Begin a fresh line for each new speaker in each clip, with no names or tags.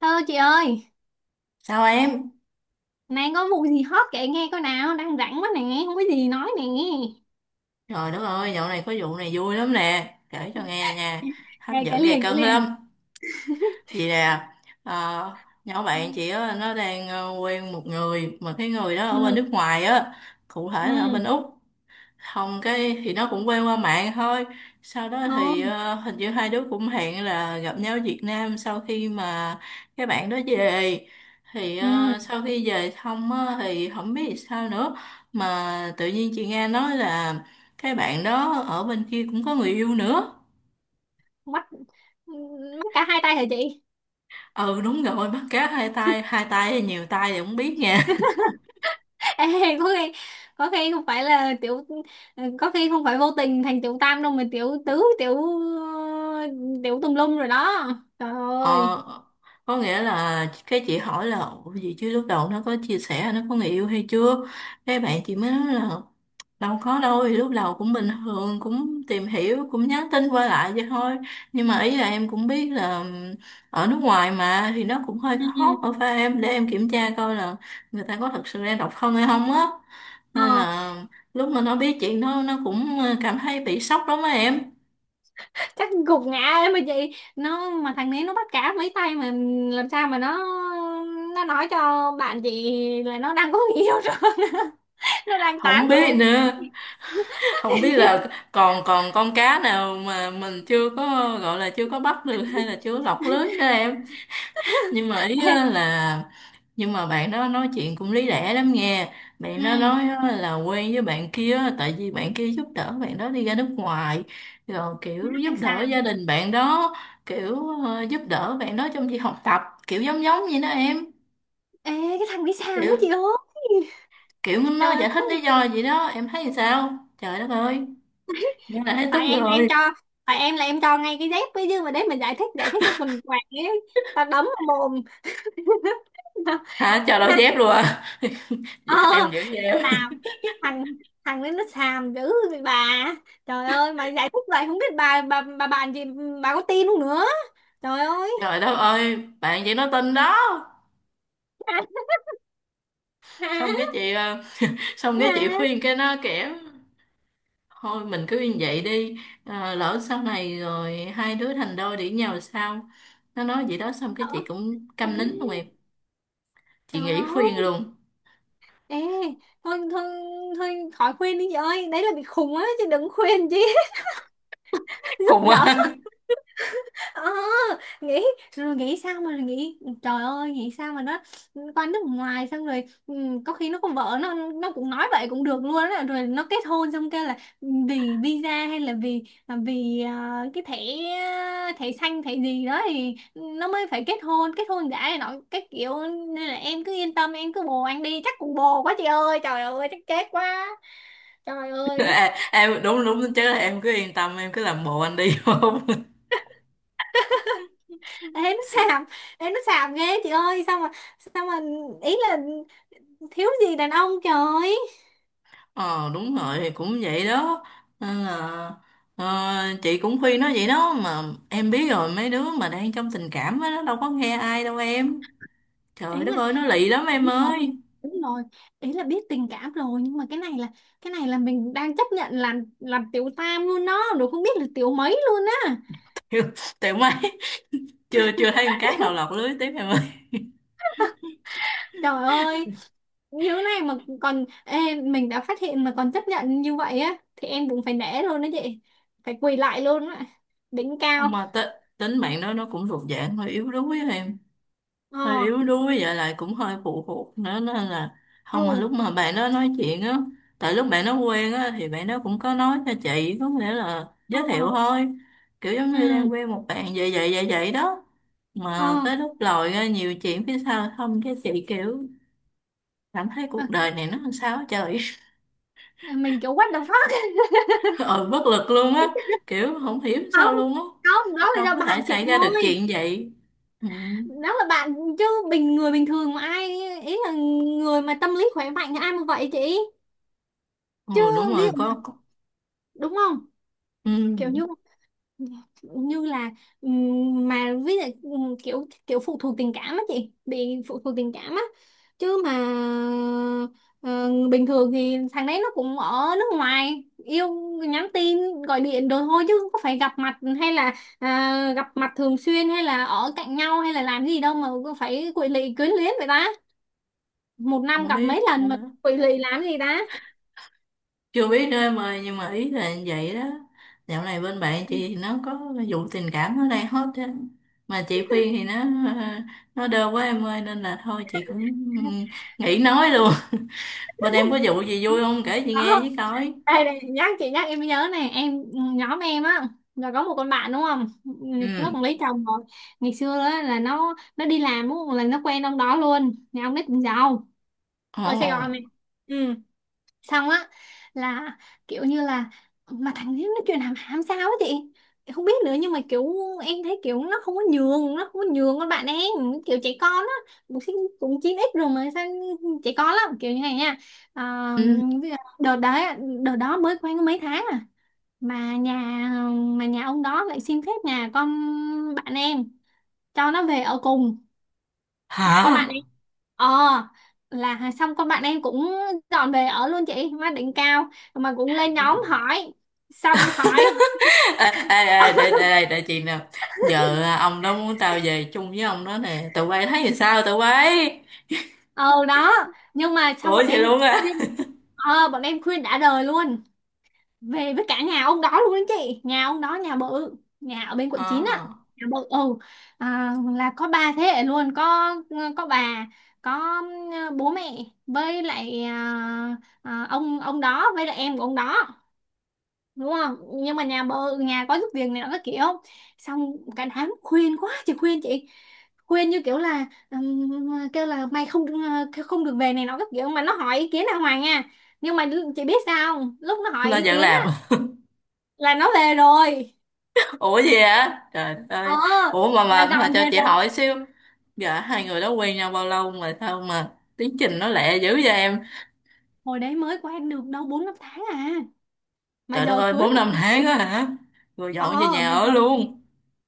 Hello chị ơi,
Sao em?
nay có vụ gì hot kể nghe coi nào, đang rảnh quá nè, không có gì nói nè.
Trời đất ơi, dạo này có vụ này vui lắm nè. Kể cho nghe nha. Hấp
Kể kể
dẫn gay
liền, kể
cấn
liền.
lắm. Vì nè, ờ, nhỏ bạn chị á, nó đang quen một người. Mà cái người đó ở bên
Ừ,
nước ngoài á. Cụ thể là
ừ,
ở bên Úc. Hồng cái thì nó cũng quen qua mạng thôi, sau đó thì
ừ,
hình như hai đứa cũng hẹn là gặp nhau ở Việt Nam sau khi mà cái bạn đó về. Thì
ừ,
sau khi về xong á, thì không biết làm sao nữa mà tự nhiên chị nghe nói là cái bạn đó ở bên kia cũng có người yêu nữa.
bắt, bắt cả hai tay hả chị?
Ừ, đúng rồi, bắt cá hai tay. Hai tay hay nhiều tay thì không biết nha.
Ê, có khi, có khi không phải là tiểu, có khi không phải vô tình thành tiểu tam đâu mà tiểu tứ, ờ, tiểu tùm lum rồi đó. Trời
Ờ,
ơi.
có nghĩa là cái chị hỏi là: ủa, gì chứ lúc đầu nó có chia sẻ nó có người yêu hay chưa? Cái bạn chị mới nói là đâu có đâu, thì lúc đầu cũng bình thường, cũng tìm hiểu, cũng nhắn tin qua lại vậy thôi. Nhưng mà ý là em cũng biết là ở nước ngoài mà thì nó cũng hơi
Ừ, ừ.
khó, mà phải em, để em kiểm tra coi là người ta có thật sự đang độc thân hay không á. Nên
Ờ.
là lúc mà nó biết chuyện đó nó cũng cảm thấy bị sốc lắm á em.
Chắc gục ngã ấy mà chị, nó mà thằng đấy nó bắt cá mấy tay mà làm sao mà nó nói cho bạn chị là nó đang có người yêu rồi. Nó đang tán
Không biết
mà.
nữa, không biết là còn còn con cá nào mà mình chưa có, gọi là chưa có bắt được hay là chưa lọc lưới đó em. Nhưng mà ý
Ê,
á là Nhưng mà bạn đó nói chuyện cũng lý lẽ lắm nghe. Bạn nó nói á là quen với bạn kia á, tại vì bạn kia giúp đỡ bạn đó đi ra nước ngoài, rồi
ừ,
kiểu
mắt
giúp
thằng
đỡ
Sàng.
gia đình bạn đó, kiểu giúp đỡ bạn đó trong việc học tập, kiểu giống giống vậy đó em.
Ê, cái thằng đi Sàng quá
kiểu
chị ơi.
kiểu
Trời
nó giải thích lý
ơi.
do vậy đó, em thấy sao trời đất ơi. Nghe là thấy
tại
tức
em là em
rồi.
cho tại em là em cho ngay cái dép với, chứ mà đấy mình giải thích cái quần quạt ấy tao đấm vào mồm.
Hả? Chờ đổi dép luôn à?
Ờ.
Dạ, em giữ em.
Sao? Thằng thằng đấy nó xàm dữ vậy bà. Trời ơi mà giải thích vậy không biết bà bàn gì, bà có tin không nữa. Trời ơi.
Trời đất ơi, bạn chị nó tin đó.
Hả?
xong
Hả?
cái chị ờ, Xong cái chị
Hả?
khuyên cái nó kẻ thôi mình cứ như vậy đi. Ờ, lỡ sau này rồi hai đứa thành đôi để nhau sao. Nó nói vậy đó, xong cái chị cũng
Ê.
câm nín luôn em. Chị
Trời
nghỉ khuyên
ơi.
luôn.
Ê, thôi thôi thôi khỏi khuyên đi chị ơi. Đấy là bị khùng á chứ đừng khuyên chứ. Giúp
Khùng á.
đỡ. ờ nghĩ Rồi nghĩ sao mà nghĩ, trời ơi, nghĩ sao mà nó qua nước ngoài xong rồi có khi nó có vợ, nó cũng nói vậy cũng được luôn á, rồi nó kết hôn xong kêu là vì visa hay là cái thẻ thẻ xanh, thẻ gì đó thì nó mới phải kết hôn giả này nọ cái kiểu. Nên là em cứ yên tâm, em cứ bồ anh đi, chắc cũng bồ quá chị ơi, trời ơi, chắc chết quá. Trời ơi.
À, em đúng đúng chứ, em cứ yên tâm, em cứ làm bộ anh đi. Không.
ế nó xàm ế nó xàm ghê chị ơi, sao mà ý là thiếu gì đàn ông trời.
Ờ đúng rồi, cũng vậy đó, nên là chị cũng khuyên nó vậy đó mà. Em biết rồi, mấy đứa mà đang trong tình cảm á nó đâu có nghe ai đâu em. Trời
Ý
đất
là
ơi, nó lì lắm em
đúng rồi,
ơi.
đúng rồi, ý là biết tình cảm rồi nhưng mà cái này là, mình đang chấp nhận là làm tiểu tam luôn đó, rồi không biết là tiểu mấy luôn á.
Thiệt. Tiều mấy. Chưa chưa thấy con cá nào lọt lưới tiếp em ơi.
Trời ơi, như thế này mà còn, ê, mình đã phát hiện mà còn chấp nhận như vậy á thì em cũng phải nể luôn đó chị, phải quỳ lại luôn á, đỉnh cao.
mà t- Tính mạng nó cũng thuộc dạng hơi yếu đuối á em. Hơi
Ờ.
yếu đuối vậy lại cũng hơi phụ thuộc nữa, nên là
Ừ.
không. Mà lúc mà bạn đó nói chuyện á, tại lúc bạn nó quen á thì bạn đó cũng có nói cho chị, có nghĩa là giới
Ờ.
thiệu thôi, kiểu
Ừ.
giống như đang quen một bạn vậy vậy vậy vậy đó.
Ờ.
Mà tới lúc lòi ra nhiều chuyện phía sau, không, cái chị kiểu cảm thấy cuộc đời này nó làm sao á trời.
À, mình kiểu what the fuck.
Ờ, bất lực luôn á. Kiểu không hiểu sao
Không,
luôn á.
không, đó là
Sao
do
có thể
bạn chị
xảy ra được
thôi,
chuyện vậy. Ừ,
đó là bạn chứ, người bình thường mà ai, ý là người mà tâm lý khỏe mạnh thì ai mà vậy chị, chứ
ừ, đúng
ví
rồi,
dụ
có, có.
đúng không, kiểu
Ừ,
như như là, mà ví dụ, kiểu kiểu phụ thuộc tình cảm á chị, bị phụ thuộc tình cảm á, chứ mà ờ, bình thường thì thằng đấy nó cũng ở nước ngoài yêu, nhắn tin gọi điện đồ thôi chứ không có phải gặp mặt hay là, gặp mặt thường xuyên hay là ở cạnh nhau hay là làm gì đâu mà phải quỵ lị quyến luyến vậy ta, một năm
không
gặp
biết
mấy lần mà,
nữa.
quỵ lụy làm gì ta.
Chưa biết nữa em ơi, nhưng mà ý là như vậy đó. Dạo này bên bạn chị thì nó có vụ tình cảm nó đang hot á. Mà chị khuyên thì nó đơ quá em ơi, nên là thôi chị cũng nghỉ nói luôn. Bên em có vụ gì vui không, kể chị nghe
Đó,
với coi.
đây này, nhắc chị nhắc em mới nhớ này em. Nhóm em á là có một con bạn đúng không, nó cũng
Ừ.
lấy chồng rồi. Ngày xưa á, là nó đi làm đúng không? Là nó quen ông đó luôn, nhà ông ấy cũng giàu,
Ồ.
ở Sài Gòn này. Ừ. Xong á là kiểu như là, mà thằng ấy nó truyền hàm hàm sao á chị, em không biết nữa, nhưng mà kiểu em thấy kiểu nó không có nhường con bạn em, kiểu trẻ con á, cũng cũng 9x rồi mà sao trẻ con lắm kiểu như này nha. à,
Ừ.
Bây giờ đợt đó mới quen có mấy tháng à, mà nhà mà nhà ông đó lại xin phép nhà con bạn em cho nó về ở cùng con
Hả?
bạn em. ờ là xong con bạn em cũng dọn về ở luôn chị, má, đỉnh cao, mà cũng lên nhóm hỏi, xong hỏi.
Ê, để, để, để, để chị nè. Giờ ông đó muốn tao về chung với ông đó nè, tụi bay thấy thì sao tụi bay?
Ờ đó, nhưng mà xong
Ủa vậy luôn
khuyên
á?
bọn em khuyên đã đời luôn, về với cả nhà ông đó luôn đó chị. Nhà ông đó nhà bự, nhà ở bên quận 9 á,
À,
nhà bự. Là có ba thế hệ luôn, có bà, có bố mẹ với lại, ông đó với lại em của ông đó đúng không, nhưng mà nhà có giúp việc này nó các kiểu. Xong cả đám khuyên quá chị, khuyên chị, khuyên như kiểu là, kêu là mày không được về này nó các kiểu, mà nó hỏi ý kiến là Hoàng nha. Nhưng mà chị biết sao không? Lúc nó hỏi
nó
ý
vẫn
kiến
làm.
á là nó về rồi,
Ủa gì á trời đất
ờ
ơi. Ủa, mà
là
mà mà
dọn
cho
về
chị
rồi.
hỏi xíu. Dạ, hai người đó quen nhau bao lâu mà sao mà tiến trình nó lẹ dữ vậy em?
Hồi đấy mới quen được đâu bốn năm tháng à, mà
Trời đất
giờ
ơi,
cưới
bốn
rồi
năm
chị.
tháng á hả? Rồi
ờ
dọn về nhà
mà
ở
giờ
luôn?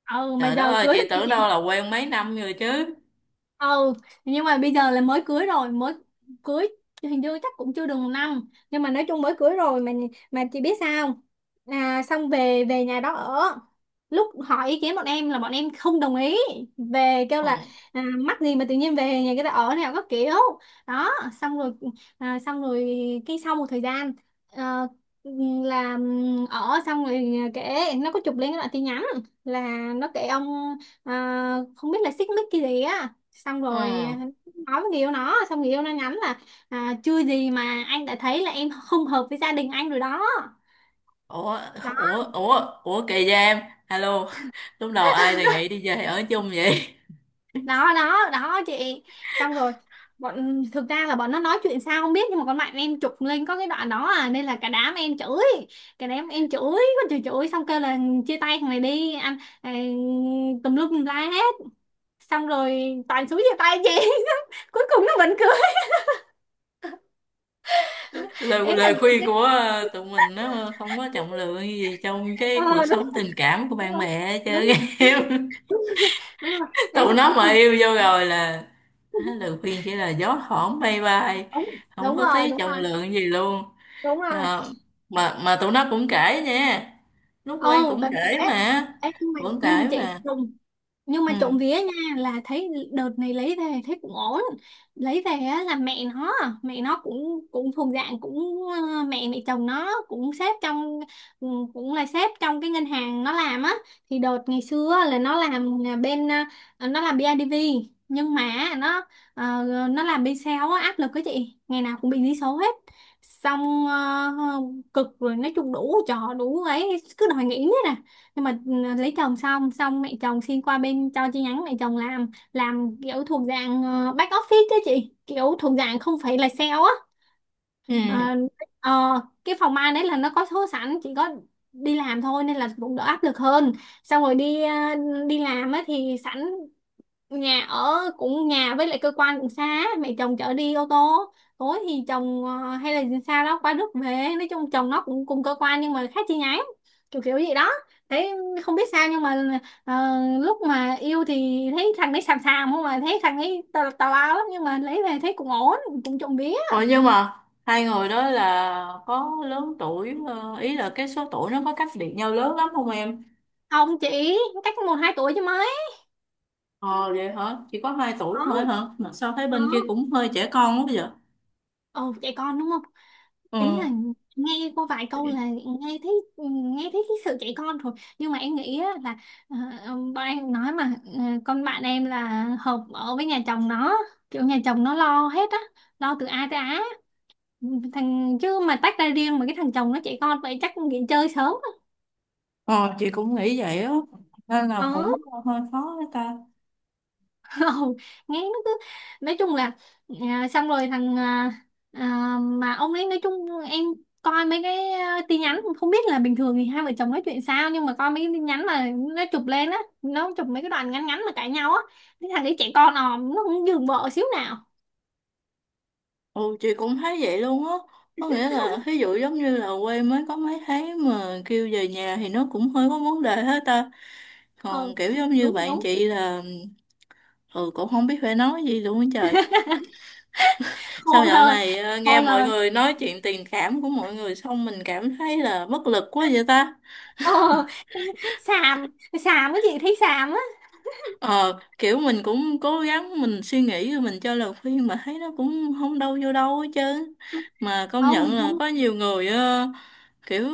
mà
Trời đất
giờ
ơi,
cưới
chị
rồi.
tưởng đâu là quen mấy năm rồi chứ.
Ừ, nhưng mà bây giờ là mới cưới rồi, mới cưới hình như chắc cũng chưa được một năm, nhưng mà nói chung mới cưới rồi mà. Mà chị biết sao không? Xong về về nhà đó ở, lúc hỏi ý kiến bọn em là bọn em không đồng ý, về kêu
Ừ.
là, mắc gì mà tự nhiên về nhà người ta ở nào có kiểu. Đó, xong rồi, à, xong rồi cái sau một thời gian, ờ, là ở xong rồi kể, nó có chụp lên cái đoạn tin nhắn, là nó kể ông, không biết là xích mích cái gì á, xong
Ừ.
rồi, nói với người yêu nó, xong người yêu nó nhắn là, chưa gì mà anh đã thấy là em không hợp với gia đình anh rồi đó.
ủa
Đó,
ủa ủa ủa kỳ vậy em. Alo. Lúc đầu ai đề nghị đi về ở chung vậy?
đó, đó, đó, chị. Xong rồi, thực ra là bọn nó nói chuyện sao không biết, nhưng mà con bạn em chụp lên có cái đoạn đó à, nên là cả đám em chửi con, chửi, chửi, xong kêu là chia tay thằng này đi anh, tùm lum tùm la hết, xong rồi toàn xuống chia tay chị. Cuối cùng nó vẫn cười.
lời
Ấy là
lời
kiểu
khuyên
thế.
của tụi mình nó không có trọng lượng gì trong cái cuộc
Ờ đúng,
sống tình cảm của
đúng
bạn
rồi.
bè hết
Đúng,
trơn em.
đúng, đúng rồi, đấy
Tụi
là
nó
cuối
mà
cùng.
yêu vô rồi là á, lời khuyên chỉ là gió thoảng bay bay,
Đúng,
không
đúng
có
rồi,
thấy
đúng
trọng
rồi,
lượng gì luôn.
đúng rồi.
Ờ, mà tụi nó cũng kể nha, lúc quen
Ừ
cũng
tình kể.
kể mà,
Ê,
cũng kể mà.
dùng nhưng mà
Ừ.
trộm vía nha, là thấy đợt này lấy về thấy cũng ổn. Lấy về á là mẹ nó, cũng cũng thuộc dạng, cũng mẹ mẹ chồng nó cũng sếp trong, ừ, cũng là sếp trong cái ngân hàng nó làm á. Thì đợt ngày xưa á, là nó làm là bên ờ, nó làm bidv, nhưng mà ờ, nó làm bên sale á, áp lực cái chị, ngày nào cũng bị dí số hết, xong cực rồi, nói chung đủ trò đủ ấy, cứ đòi nghỉ hết à, nhưng mà, lấy chồng xong, mẹ chồng xin qua bên cho chi nhánh mẹ chồng làm kiểu thuộc dạng back office đấy chị, kiểu thuộc dạng không phải là sale á.
Ừ.
Ờ, ờ, cái phòng ban đấy là nó có số sẵn, chỉ có đi làm thôi nên là cũng đỡ áp lực hơn. Xong rồi đi, đi làm á thì sẵn nhà ở cũng, nhà với lại cơ quan cũng xa á, mẹ chồng chở đi ô tô, tối thì chồng, hay là xa đó qua Đức về. Nói chung chồng nó cũng cùng cơ quan nhưng mà khác chi nhánh, kiểu kiểu gì đó. Thấy không biết sao, nhưng mà ờ, lúc mà yêu thì thấy thằng đấy xàm xàm không, mà thấy thằng ấy tào tào lao lắm, nhưng mà lấy về thấy cũng ổn, cũng trộm vía.
Ủa nhưng mà hai người đó là có lớn tuổi, ý là cái số tuổi nó có cách biệt nhau lớn lắm không em?
Ông chị, cách một hai tuổi chứ mấy.
Ờ vậy hả? Chỉ có hai
Đó,
tuổi thôi hả, mà sao thấy
đó,
bên kia cũng hơi trẻ con quá vậy.
ồ trẻ con đúng không.
Ừ.
Ý là nghe qua vài câu là nghe thấy cái sự trẻ con rồi. Nhưng mà em nghĩ á, là ờ, bọn em nói mà, con bạn em là hợp ở với nhà chồng nó, kiểu nhà chồng nó lo hết á, lo từ A tới Á. Chứ mà tách ra riêng mà cái thằng chồng nó trẻ con vậy chắc nghỉ chơi sớm á.
Ờ, chị cũng nghĩ vậy á, nên
Ờ.
là cũng hơi khó với ta.
Không, nghe nó cứ, nói chung là, xong rồi thằng, mà ông ấy nói chung em coi mấy cái, tin nhắn không biết là bình thường thì hai vợ chồng nói chuyện sao, nhưng mà coi mấy cái tin nhắn mà nó chụp lên á, nó chụp mấy cái đoạn ngắn ngắn mà cãi nhau á, cái thằng ấy trẻ con òm, nó không nhường vợ xíu nào.
Ừ, chị cũng thấy vậy luôn á, có nghĩa là ví dụ giống như là quê mới có mấy tháng mà kêu về nhà thì nó cũng hơi có vấn đề hết ta.
Ờ
Còn kiểu giống như
đúng,
bạn
đúng.
chị là. Ừ, cũng không biết phải nói gì luôn á trời. Sao
Khô
dạo
lời,
này nghe
khô
mọi
lời.
người nói chuyện tình cảm của mọi người xong mình cảm thấy là bất lực quá vậy ta?
Ờ, xàm, xàm, cái chị thấy xàm á.
Ờ, kiểu mình cũng cố gắng, mình suy nghĩ rồi mình cho lời khuyên mà thấy nó cũng không đâu vô đâu hết trơn. Mà công
Không, mình
nhận
không.
là có nhiều người kiểu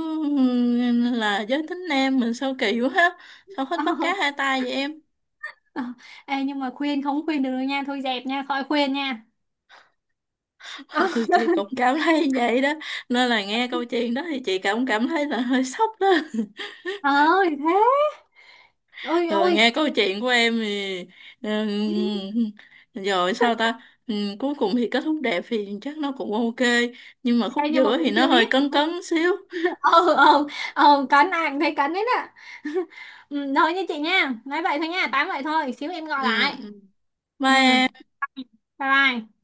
là giới tính nam mình sao kỳ quá ha. Sao hết
ờ,
bắt cá hai tay vậy em?
ờ. Ê, nhưng mà khuyên không khuyên được đâu nha, thôi dẹp nha, khỏi khuyên nha. Ờ,
Ừ, chị cũng cảm thấy vậy đó. Nên là nghe câu chuyện đó thì chị cũng cảm thấy là hơi sốc đó.
ờ, thì thế, ôi
Rồi
ôi.
nghe câu chuyện của em thì rồi sao ta. Cuối cùng thì kết thúc đẹp thì chắc nó cũng ok, nhưng mà khúc
Ê, nhưng mà
giữa thì
cũng
nó
chưa
hơi
biết.
cấn cấn xíu.
Ờ, ờ, ờ, cắn ai cũng thấy cắn đấy ạ. Ừ, thôi nha chị nha, nói vậy thôi nha, tám vậy thôi, xíu em gọi
Ừ.
lại.
Ừ. Bye
Ừ.
em.
Bye bye.